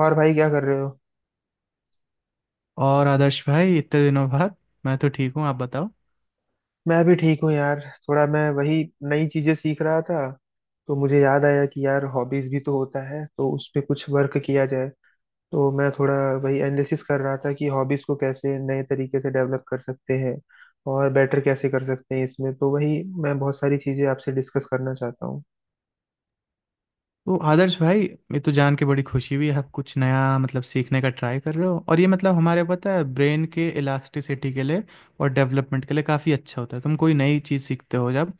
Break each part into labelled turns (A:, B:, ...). A: और भाई क्या कर रहे हो।
B: और आदर्श भाई, इतने दिनों बाद। मैं तो ठीक हूँ, आप बताओ।
A: मैं भी ठीक हूँ यार। थोड़ा मैं वही नई चीजें सीख रहा था। तो मुझे याद आया कि यार हॉबीज भी तो होता है तो उस पे कुछ वर्क किया जाए। तो मैं थोड़ा वही एनालिसिस कर रहा था कि हॉबीज को कैसे नए तरीके से डेवलप कर सकते हैं और बेटर कैसे कर सकते हैं। इसमें तो वही मैं बहुत सारी चीजें आपसे डिस्कस करना चाहता हूँ।
B: तो आदर्श भाई, ये तो जान के बड़ी खुशी हुई आप कुछ नया मतलब सीखने का ट्राई कर रहे हो, और ये मतलब हमारे पता है ब्रेन के इलास्टिसिटी के लिए और डेवलपमेंट के लिए काफ़ी अच्छा होता है तुम कोई नई चीज़ सीखते हो जब।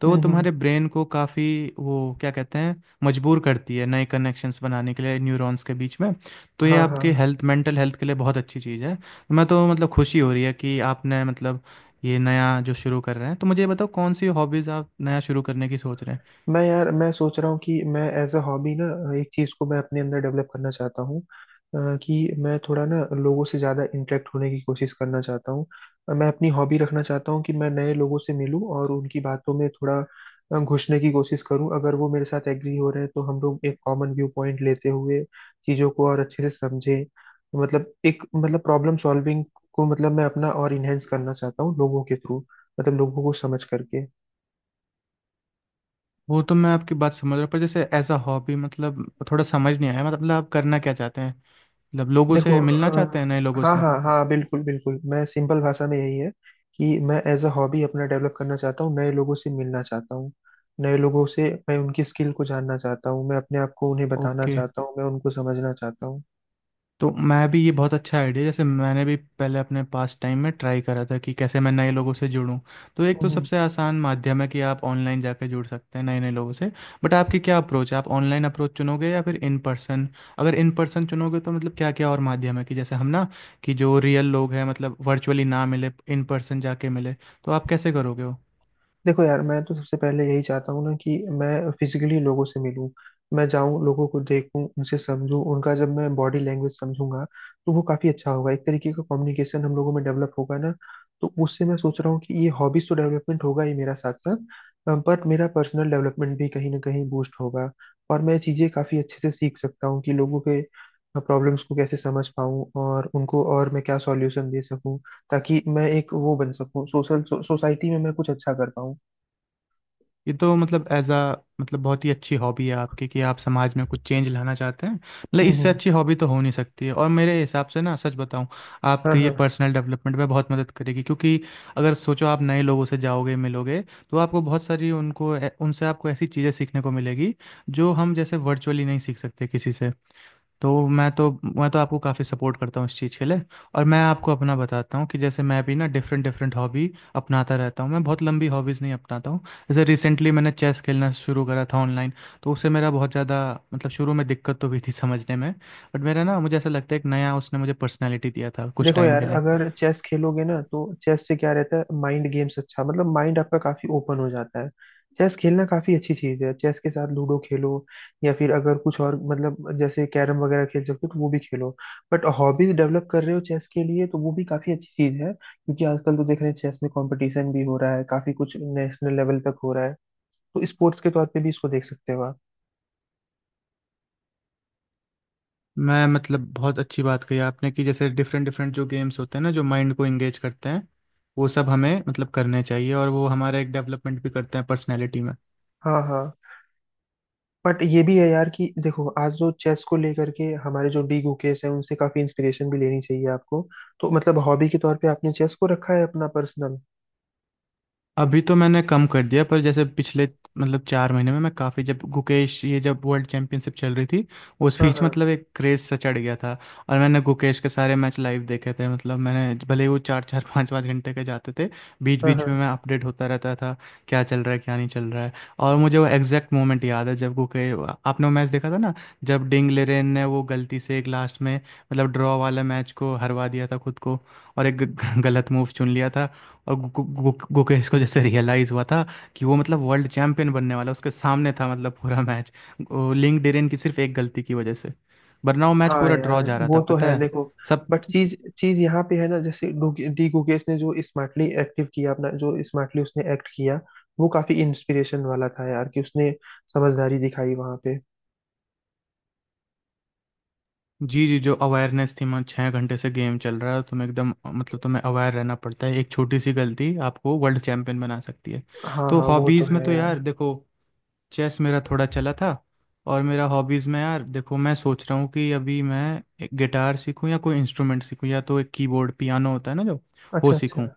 B: तो वो
A: हम्म।
B: तुम्हारे ब्रेन को काफ़ी, वो क्या कहते हैं, मजबूर करती है नए कनेक्शंस बनाने के लिए न्यूरॉन्स के बीच में। तो ये
A: हाँ हाँ।
B: आपके हेल्थ, मेंटल हेल्थ के लिए बहुत अच्छी चीज़ है, तो मैं तो मतलब खुशी हो रही है कि आपने मतलब ये नया जो शुरू कर रहे हैं। तो मुझे ये बताओ कौन सी हॉबीज़ आप नया शुरू करने की सोच रहे हैं।
A: मैं यार मैं सोच रहा हूँ कि मैं एज अ हॉबी ना एक चीज़ को मैं अपने अंदर डेवलप करना चाहता हूँ, कि मैं थोड़ा ना लोगों से ज़्यादा इंटरेक्ट होने की कोशिश करना चाहता हूँ। मैं अपनी हॉबी रखना चाहता हूँ कि मैं नए लोगों से मिलूँ और उनकी बातों में थोड़ा घुसने की कोशिश करूँ। अगर वो मेरे साथ एग्री हो रहे हैं तो हम लोग एक कॉमन व्यू पॉइंट लेते हुए चीज़ों को और अच्छे से समझें। मतलब एक मतलब प्रॉब्लम सॉल्विंग को मतलब मैं अपना और इनहेंस करना चाहता हूँ लोगों के थ्रू, मतलब लोगों को समझ करके।
B: वो तो मैं आपकी बात समझ रहा हूँ पर जैसे एज अ हॉबी मतलब थोड़ा समझ नहीं आया, मतलब आप करना क्या चाहते हैं, मतलब लोगों
A: देखो
B: से मिलना चाहते हैं नए
A: अ,
B: लोगों
A: हाँ
B: से?
A: हाँ हाँ, बिल्कुल बिल्कुल। मैं सिंपल भाषा में यही है कि मैं एज अ हॉबी अपना डेवलप करना चाहता हूँ, नए लोगों से मिलना चाहता हूँ, नए लोगों से मैं उनकी स्किल को जानना चाहता हूँ, मैं अपने आप को उन्हें बताना
B: ओके।
A: चाहता हूँ, मैं उनको समझना चाहता हूँ।
B: तो मैं भी, ये बहुत अच्छा आइडिया, जैसे मैंने भी पहले अपने पास टाइम में ट्राई करा था कि कैसे मैं नए लोगों से जुड़ूं। तो एक तो
A: हम्म।
B: सबसे आसान माध्यम है कि आप ऑनलाइन जाकर जुड़ सकते हैं नए नए लोगों से, बट आपकी क्या अप्रोच है, आप ऑनलाइन अप्रोच चुनोगे या फिर इन पर्सन? अगर इन पर्सन चुनोगे तो मतलब क्या क्या और माध्यम है कि जैसे हम ना, कि जो रियल लोग हैं मतलब वर्चुअली ना मिले, इन पर्सन जाके मिले, तो आप कैसे करोगे वो?
A: देखो यार, मैं तो सबसे पहले यही चाहता हूँ ना कि मैं फिजिकली लोगों से मिलूं। मैं जाऊं, लोगों को देखूं, उनसे समझूं, उनका जब मैं बॉडी लैंग्वेज समझूंगा तो वो काफी अच्छा होगा। एक तरीके का कम्युनिकेशन हम लोगों में डेवलप होगा ना। तो उससे मैं सोच रहा हूँ कि ये हॉबीज तो डेवलपमेंट होगा ही मेरा साथ साथ, बट मेरा पर्सनल डेवलपमेंट भी कहीं ना कहीं बूस्ट होगा। और मैं चीजें काफी अच्छे से सीख सकता हूँ कि लोगों के प्रॉब्लम्स को कैसे समझ पाऊँ और उनको और मैं क्या सॉल्यूशन दे सकूँ, ताकि मैं एक वो बन सकूँ सोशल सोसाइटी में, मैं कुछ अच्छा कर पाऊँ।
B: ये तो मतलब एज अ मतलब बहुत ही अच्छी हॉबी है आपकी कि आप समाज में कुछ चेंज लाना चाहते हैं, मतलब इससे
A: हम्म।
B: अच्छी हॉबी तो हो नहीं सकती है, और मेरे हिसाब से ना, सच बताऊं,
A: हाँ
B: आपके ये
A: हाँ।
B: पर्सनल डेवलपमेंट में बहुत मदद करेगी, क्योंकि अगर सोचो आप नए लोगों से जाओगे मिलोगे तो आपको बहुत सारी उनको उनसे आपको ऐसी चीज़ें सीखने को मिलेगी जो हम जैसे वर्चुअली नहीं सीख सकते किसी से। तो मैं तो आपको काफ़ी सपोर्ट करता हूँ इस चीज़ के लिए, और मैं आपको अपना बताता हूँ कि जैसे मैं भी ना डिफरेंट डिफरेंट हॉबी अपनाता रहता हूँ, मैं बहुत लंबी हॉबीज़ नहीं अपनाता हूँ। जैसे रिसेंटली मैंने चेस खेलना शुरू करा था ऑनलाइन, तो उससे मेरा बहुत ज़्यादा, मतलब शुरू में दिक्कत तो हुई थी समझने में, बट मेरा ना मुझे ऐसा लगता है एक नया उसने मुझे पर्सनैलिटी दिया था कुछ
A: देखो
B: टाइम
A: यार,
B: के लिए।
A: अगर चेस खेलोगे ना तो चेस से क्या रहता है माइंड गेम्स, अच्छा मतलब माइंड आपका काफी ओपन हो जाता है। चेस खेलना काफी अच्छी चीज है। चेस के साथ लूडो खेलो, या फिर अगर कुछ और मतलब जैसे कैरम वगैरह खेल सकते हो तो वो भी खेलो। बट हॉबीज डेवलप कर रहे हो चेस के लिए तो वो भी काफी अच्छी चीज है, क्योंकि आजकल तो देख रहे हैं चेस में कंपटीशन भी हो रहा है काफी कुछ, नेशनल लेवल तक हो रहा है। तो स्पोर्ट्स के तौर पे भी इसको देख सकते हो आप।
B: मैं मतलब बहुत अच्छी बात कही आपने कि जैसे डिफरेंट डिफरेंट जो गेम्स होते हैं ना जो माइंड को एंगेज करते हैं, वो सब हमें मतलब करने चाहिए, और वो हमारा एक डेवलपमेंट भी करते हैं पर्सनैलिटी में।
A: हाँ हाँ। बट ये भी है यार कि देखो आज जो चेस को लेकर के हमारे जो डी गुकेश हैं उनसे काफी इंस्पिरेशन भी लेनी चाहिए आपको। तो मतलब हॉबी के तौर पे आपने चेस को रखा है अपना पर्सनल।
B: अभी तो मैंने कम कर दिया पर जैसे पिछले मतलब चार महीने में मैं काफ़ी, जब गुकेश ये जब वर्ल्ड चैंपियनशिप चल रही थी उस
A: हाँ
B: बीच,
A: हाँ
B: मतलब एक क्रेज़ सा चढ़ गया था। और मैंने गुकेश के सारे मैच लाइव देखे थे, मतलब मैंने भले ही वो चार चार पाँच पाँच घंटे के जाते थे, बीच
A: हाँ।
B: बीच
A: हाँ
B: में मैं अपडेट होता रहता था क्या चल रहा है क्या नहीं चल रहा है। और मुझे वो एग्जैक्ट मोमेंट याद है जब गुके आपने वो मैच देखा था ना, जब डिंग लेरेन ने वो गलती से एक लास्ट में मतलब ड्रॉ वाला मैच को हरवा दिया था खुद को, और एक गलत मूव चुन लिया था, और गु, गु, गु, गुकेश को जैसे रियलाइज हुआ था कि वो मतलब वर्ल्ड चैंपियन बनने वाला उसके सामने था, मतलब पूरा मैच लिंक डेरेन की सिर्फ एक गलती की वजह से, वरना वो मैच
A: हाँ
B: पूरा
A: यार,
B: ड्रॉ जा रहा था,
A: वो तो
B: पता
A: है।
B: है
A: देखो
B: सब।
A: बट चीज चीज यहाँ पे है ना, जैसे डी गुकेश ने जो स्मार्टली एक्टिव किया अपना, जो स्मार्टली उसने एक्ट किया वो काफी इंस्पिरेशन वाला था यार। कि उसने समझदारी दिखाई वहां पे।
B: जी जी, जो अवेयरनेस थी, मैं छः घंटे से गेम चल रहा है तुम्हें एकदम मतलब तुम्हें अवेयर रहना पड़ता है, एक छोटी सी गलती आपको वर्ल्ड चैंपियन बना सकती है।
A: हाँ
B: तो
A: हाँ, वो तो
B: हॉबीज़ में
A: है
B: तो
A: यार।
B: यार देखो, चेस मेरा थोड़ा चला था, और मेरा हॉबीज़ में यार देखो, मैं सोच रहा हूँ कि अभी मैं एक गिटार सीखूँ या कोई इंस्ट्रूमेंट सीखूँ या तो एक कीबोर्ड पियानो होता है ना, जो वो
A: अच्छा अच्छा।
B: सीखूँ।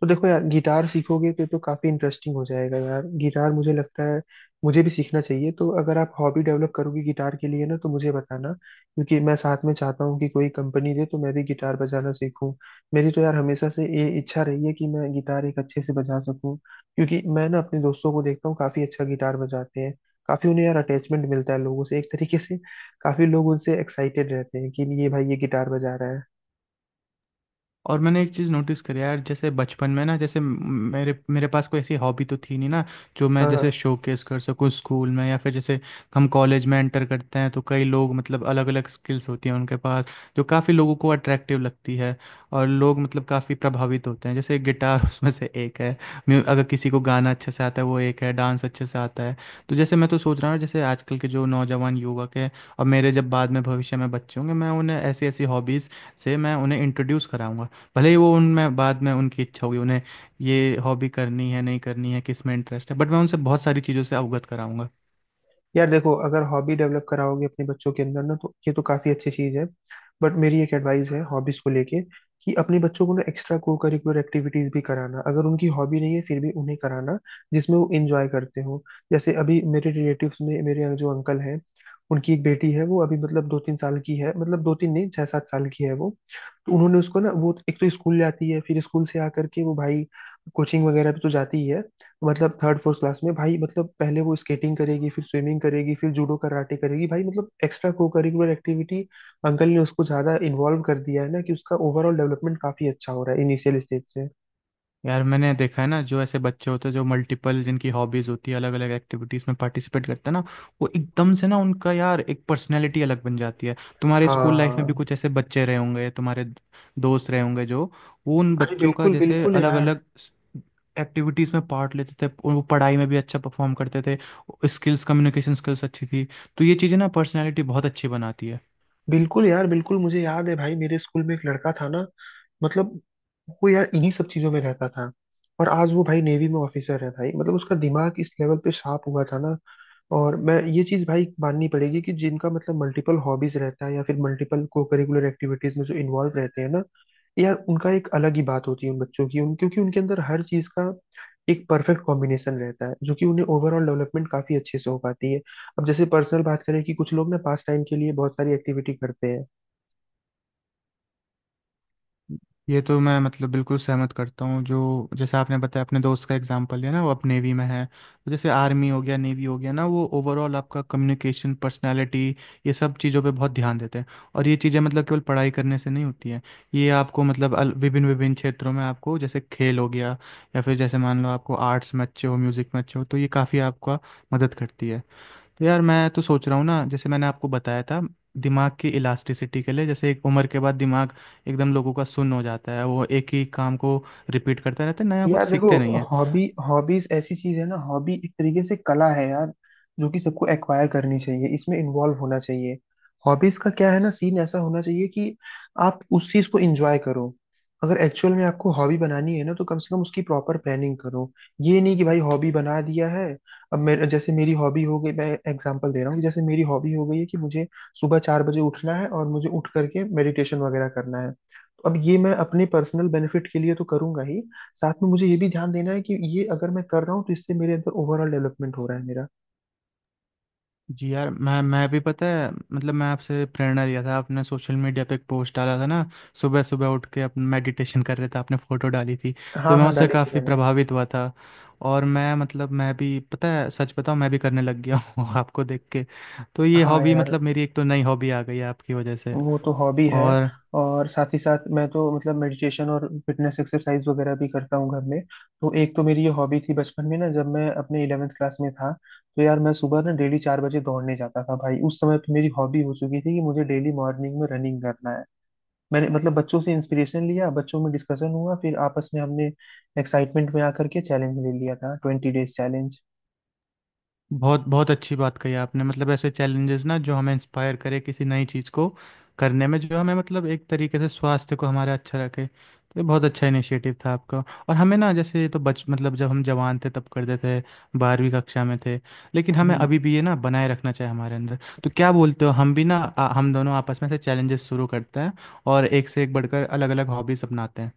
A: तो देखो यार, गिटार सीखोगे तो काफी इंटरेस्टिंग हो जाएगा यार। गिटार मुझे लगता है मुझे भी सीखना चाहिए, तो अगर आप हॉबी डेवलप करोगे गिटार के लिए ना तो मुझे बताना, क्योंकि मैं साथ में चाहता हूँ कि कोई कंपनी दे तो मैं भी गिटार बजाना सीखूँ। मेरी तो यार हमेशा से ये इच्छा रही है कि मैं गिटार एक अच्छे से बजा सकूँ, क्योंकि मैं ना अपने दोस्तों को देखता हूँ काफी अच्छा गिटार बजाते हैं। काफी उन्हें यार अटैचमेंट मिलता है लोगों से एक तरीके से। काफी लोग उनसे एक्साइटेड रहते हैं कि ये भाई ये गिटार बजा रहा है।
B: और मैंने एक चीज़ नोटिस करी यार, जैसे बचपन में ना, जैसे मेरे मेरे पास कोई ऐसी हॉबी तो थी नहीं ना, जो मैं
A: हाँ
B: जैसे शोकेस कर सकूँ स्कूल में या फिर जैसे हम कॉलेज में एंटर करते हैं तो कई लोग मतलब अलग अलग स्किल्स होती हैं उनके पास जो काफ़ी लोगों को अट्रैक्टिव लगती है, और लोग मतलब काफ़ी प्रभावित होते हैं, जैसे गिटार उसमें से एक है, अगर किसी को गाना अच्छे से आता है वो एक है, डांस अच्छे से आता है। तो जैसे मैं तो सोच रहा हूँ, जैसे आजकल के जो नौजवान युवक हैं और मेरे जब बाद में भविष्य में बच्चे होंगे, मैं उन्हें ऐसी ऐसी हॉबीज़ से मैं उन्हें इंट्रोड्यूस कराऊंगा। भले ही वो उनमें बाद में उनकी इच्छा होगी उन्हें ये हॉबी करनी है नहीं करनी है किस में इंटरेस्ट है, बट मैं उनसे बहुत सारी चीज़ों से अवगत कराऊंगा।
A: यार देखो, अगर हॉबी डेवलप कराओगे अपने बच्चों के अंदर ना तो ये तो काफी अच्छी चीज है। बट मेरी एक एडवाइस है हॉबीज को लेके, कि अपने बच्चों को ना एक्स्ट्रा को करिकुलर एक्टिविटीज भी कराना, अगर उनकी हॉबी नहीं है फिर भी उन्हें कराना, जिसमें वो इंजॉय करते हो। जैसे अभी मेरे रिलेटिव्स में मेरे जो अंकल हैं, उनकी एक बेटी है, वो अभी मतलब दो तीन साल की है, मतलब दो तीन नहीं छह सात साल की है वो। तो उन्होंने उसको ना, वो एक तो स्कूल जाती है, फिर स्कूल से आकर के वो भाई कोचिंग वगैरह भी तो जाती ही है। मतलब थर्ड फोर्थ क्लास में भाई, मतलब पहले वो स्केटिंग करेगी, फिर स्विमिंग करेगी, फिर जूडो कराटे करेगी, भाई मतलब extra co curricular activity uncle ने उसको ज्यादा इन्वॉल्व कर दिया है ना, कि उसका ओवरऑल डेवलपमेंट काफी अच्छा हो रहा है इनिशियल स्टेज से।
B: यार मैंने देखा है ना, जो ऐसे बच्चे होते हैं जो मल्टीपल जिनकी हॉबीज होती है, अलग अलग एक्टिविटीज में पार्टिसिपेट करते हैं ना, वो एकदम से ना उनका यार एक पर्सनैलिटी अलग बन जाती है। तुम्हारे स्कूल लाइफ में भी
A: हाँ।
B: कुछ ऐसे बच्चे रहे होंगे, तुम्हारे दोस्त रहे होंगे जो, वो उन
A: अरे
B: बच्चों का
A: बिल्कुल
B: जैसे
A: बिल्कुल
B: अलग
A: यार।
B: अलग एक्टिविटीज़ में पार्ट लेते थे, वो पढ़ाई में भी अच्छा परफॉर्म करते थे, स्किल्स कम्युनिकेशन स्किल्स अच्छी थी, तो ये चीज़ें ना पर्सनैलिटी बहुत अच्छी बनाती है।
A: बिल्कुल यार बिल्कुल, मुझे याद है भाई मेरे स्कूल में एक लड़का था ना, मतलब वो यार इन्हीं सब चीजों में रहता था, और आज वो भाई नेवी में ऑफिसर है। भाई मतलब उसका दिमाग इस लेवल पे शार्प हुआ था ना। और मैं ये चीज भाई माननी पड़ेगी कि जिनका मतलब मल्टीपल हॉबीज रहता है या फिर मल्टीपल को करिकुलर एक्टिविटीज में जो इन्वॉल्व रहते हैं ना, यार उनका एक अलग ही बात होती है उन बच्चों की, उन क्योंकि उनके अंदर हर चीज का एक परफेक्ट कॉम्बिनेशन रहता है, जो कि उन्हें ओवरऑल डेवलपमेंट काफी अच्छे से हो पाती है। अब जैसे पर्सनल बात करें कि कुछ लोग ना पास टाइम के लिए बहुत सारी एक्टिविटी करते हैं।
B: ये तो मैं मतलब बिल्कुल सहमत करता हूँ, जो जैसे आपने बताया अपने दोस्त का एग्जांपल दिया ना वो अब नेवी में है, तो जैसे आर्मी हो गया नेवी हो गया ना, वो ओवरऑल आपका कम्युनिकेशन पर्सनालिटी, ये सब चीज़ों पे बहुत ध्यान देते हैं, और ये चीज़ें मतलब केवल पढ़ाई करने से नहीं होती हैं। ये आपको मतलब विभिन्न विभिन्न क्षेत्रों में आपको जैसे खेल हो गया या फिर जैसे मान लो आपको आर्ट्स में अच्छे हो म्यूज़िक में अच्छे हो, तो ये काफ़ी आपका मदद करती है। तो यार मैं तो सोच रहा हूँ ना, जैसे मैंने आपको बताया था दिमाग की इलास्टिसिटी के लिए, जैसे एक उम्र के बाद दिमाग एकदम लोगों का सुन्न हो जाता है, वो एक ही काम को रिपीट करता रहता है, नया कुछ
A: यार
B: सीखते
A: देखो,
B: नहीं है।
A: हॉबी हॉबीज ऐसी चीज है ना, हॉबी एक तरीके से कला है यार, जो कि सबको एक्वायर करनी चाहिए, इसमें इन्वॉल्व होना चाहिए। हॉबीज का क्या है ना, सीन ऐसा होना चाहिए कि आप उस चीज को एंजॉय करो। अगर एक्चुअल में आपको हॉबी बनानी है ना तो कम से कम उसकी प्रॉपर प्लानिंग करो। ये नहीं कि भाई हॉबी बना दिया है। अब मेरे जैसे मेरी हॉबी हो गई, मैं एग्जांपल दे रहा हूँ कि जैसे मेरी हॉबी हो गई है कि मुझे सुबह 4 बजे उठना है और मुझे उठ करके मेडिटेशन वगैरह करना है, तो अब ये मैं अपने पर्सनल बेनिफिट के लिए तो करूंगा ही, साथ में मुझे ये भी ध्यान देना है कि ये अगर मैं कर रहा हूँ तो इससे मेरे अंदर ओवरऑल डेवलपमेंट हो रहा है मेरा।
B: जी यार, मैं भी पता है मतलब मैं आपसे प्रेरणा लिया था, आपने सोशल मीडिया पे एक पोस्ट डाला था ना, सुबह सुबह उठ के अपने मेडिटेशन कर रहे थे, आपने फ़ोटो डाली थी, तो
A: हाँ
B: मैं
A: हाँ,
B: उससे
A: डाली थी
B: काफ़ी
A: मैंने।
B: प्रभावित हुआ था, और मैं मतलब मैं भी पता है सच बताऊं मैं भी करने लग गया हूँ आपको देख के। तो ये
A: हाँ
B: हॉबी
A: यार,
B: मतलब मेरी एक तो नई हॉबी आ गई है आपकी वजह से।
A: वो तो हॉबी है।
B: और
A: और साथ ही साथ मैं तो मतलब मेडिटेशन और फिटनेस एक्सरसाइज वगैरह भी करता हूँ घर में। तो एक तो मेरी ये हॉबी थी बचपन में ना, जब मैं अपने इलेवेंथ क्लास में था, तो यार मैं सुबह ना डेली 4 बजे दौड़ने जाता था भाई। उस समय तो मेरी हॉबी हो चुकी थी कि मुझे डेली मॉर्निंग में रनिंग करना है। मैंने मतलब बच्चों से इंस्पिरेशन लिया, बच्चों में डिस्कशन हुआ, फिर आपस में हमने एक्साइटमेंट में आकर के चैलेंज ले लिया था 20 डेज चैलेंज।
B: बहुत बहुत अच्छी बात कही आपने, मतलब ऐसे चैलेंजेस ना जो हमें इंस्पायर करे किसी नई चीज़ को करने में, जो हमें मतलब एक तरीके से स्वास्थ्य को हमारा अच्छा रखे, तो ये बहुत अच्छा इनिशिएटिव था आपका। और हमें ना जैसे ये तो बच मतलब जब हम जवान थे तब करते थे, बारहवीं कक्षा में थे, लेकिन हमें
A: हम्म।
B: अभी भी ये ना बनाए रखना चाहिए हमारे अंदर, तो क्या बोलते हो हम भी ना, हम दोनों आपस में से चैलेंजेस शुरू करते हैं और एक से एक बढ़कर अलग अलग हॉबीज अपनाते हैं।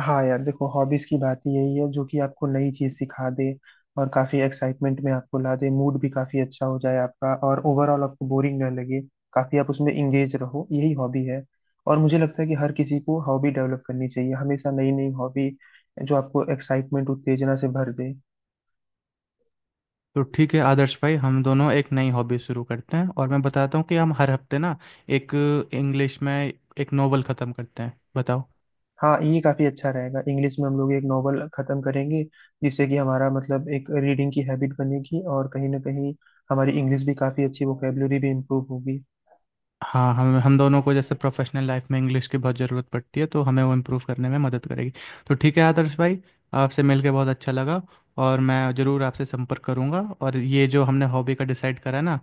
A: हाँ यार देखो, हॉबीज की बात ही यही है जो कि आपको नई चीज सिखा दे, और काफी एक्साइटमेंट में आपको ला दे, मूड भी काफी अच्छा हो जाए आपका, और ओवरऑल आपको बोरिंग ना लगे, काफी आप उसमें इंगेज रहो, यही हॉबी है। और मुझे लगता है कि हर किसी को हॉबी डेवलप करनी चाहिए, हमेशा नई नई हॉबी, जो आपको एक्साइटमेंट उत्तेजना से भर दे।
B: तो ठीक है आदर्श भाई, हम दोनों एक नई हॉबी शुरू करते हैं और मैं बताता हूँ कि हम हर हफ्ते ना एक, इंग्लिश में एक नोवेल ख़त्म करते हैं, बताओ?
A: हाँ ये काफी अच्छा रहेगा, इंग्लिश में हम लोग एक नॉवल खत्म करेंगे, जिससे कि हमारा मतलब एक रीडिंग की हैबिट बनेगी, और कहीं ना कहीं हमारी इंग्लिश भी काफी अच्छी, वोकेबलरी भी इम्प्रूव होगी।
B: हाँ, हम दोनों को जैसे प्रोफेशनल लाइफ में इंग्लिश की बहुत ज़रूरत पड़ती है, तो हमें वो इम्प्रूव करने में मदद करेगी। तो ठीक है आदर्श भाई, आपसे मिलके बहुत अच्छा लगा, और मैं ज़रूर आपसे संपर्क करूँगा, और ये जो हमने हॉबी का डिसाइड करा ना,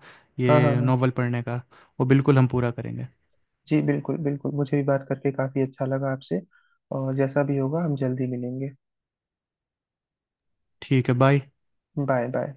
A: हाँ हाँ
B: ये
A: हाँ।
B: नोवेल पढ़ने का, वो बिल्कुल हम पूरा करेंगे।
A: जी बिल्कुल बिल्कुल, मुझे भी बात करके काफी अच्छा लगा आपसे, और जैसा भी होगा हम जल्दी मिलेंगे।
B: ठीक है, बाय।
A: Bye bye.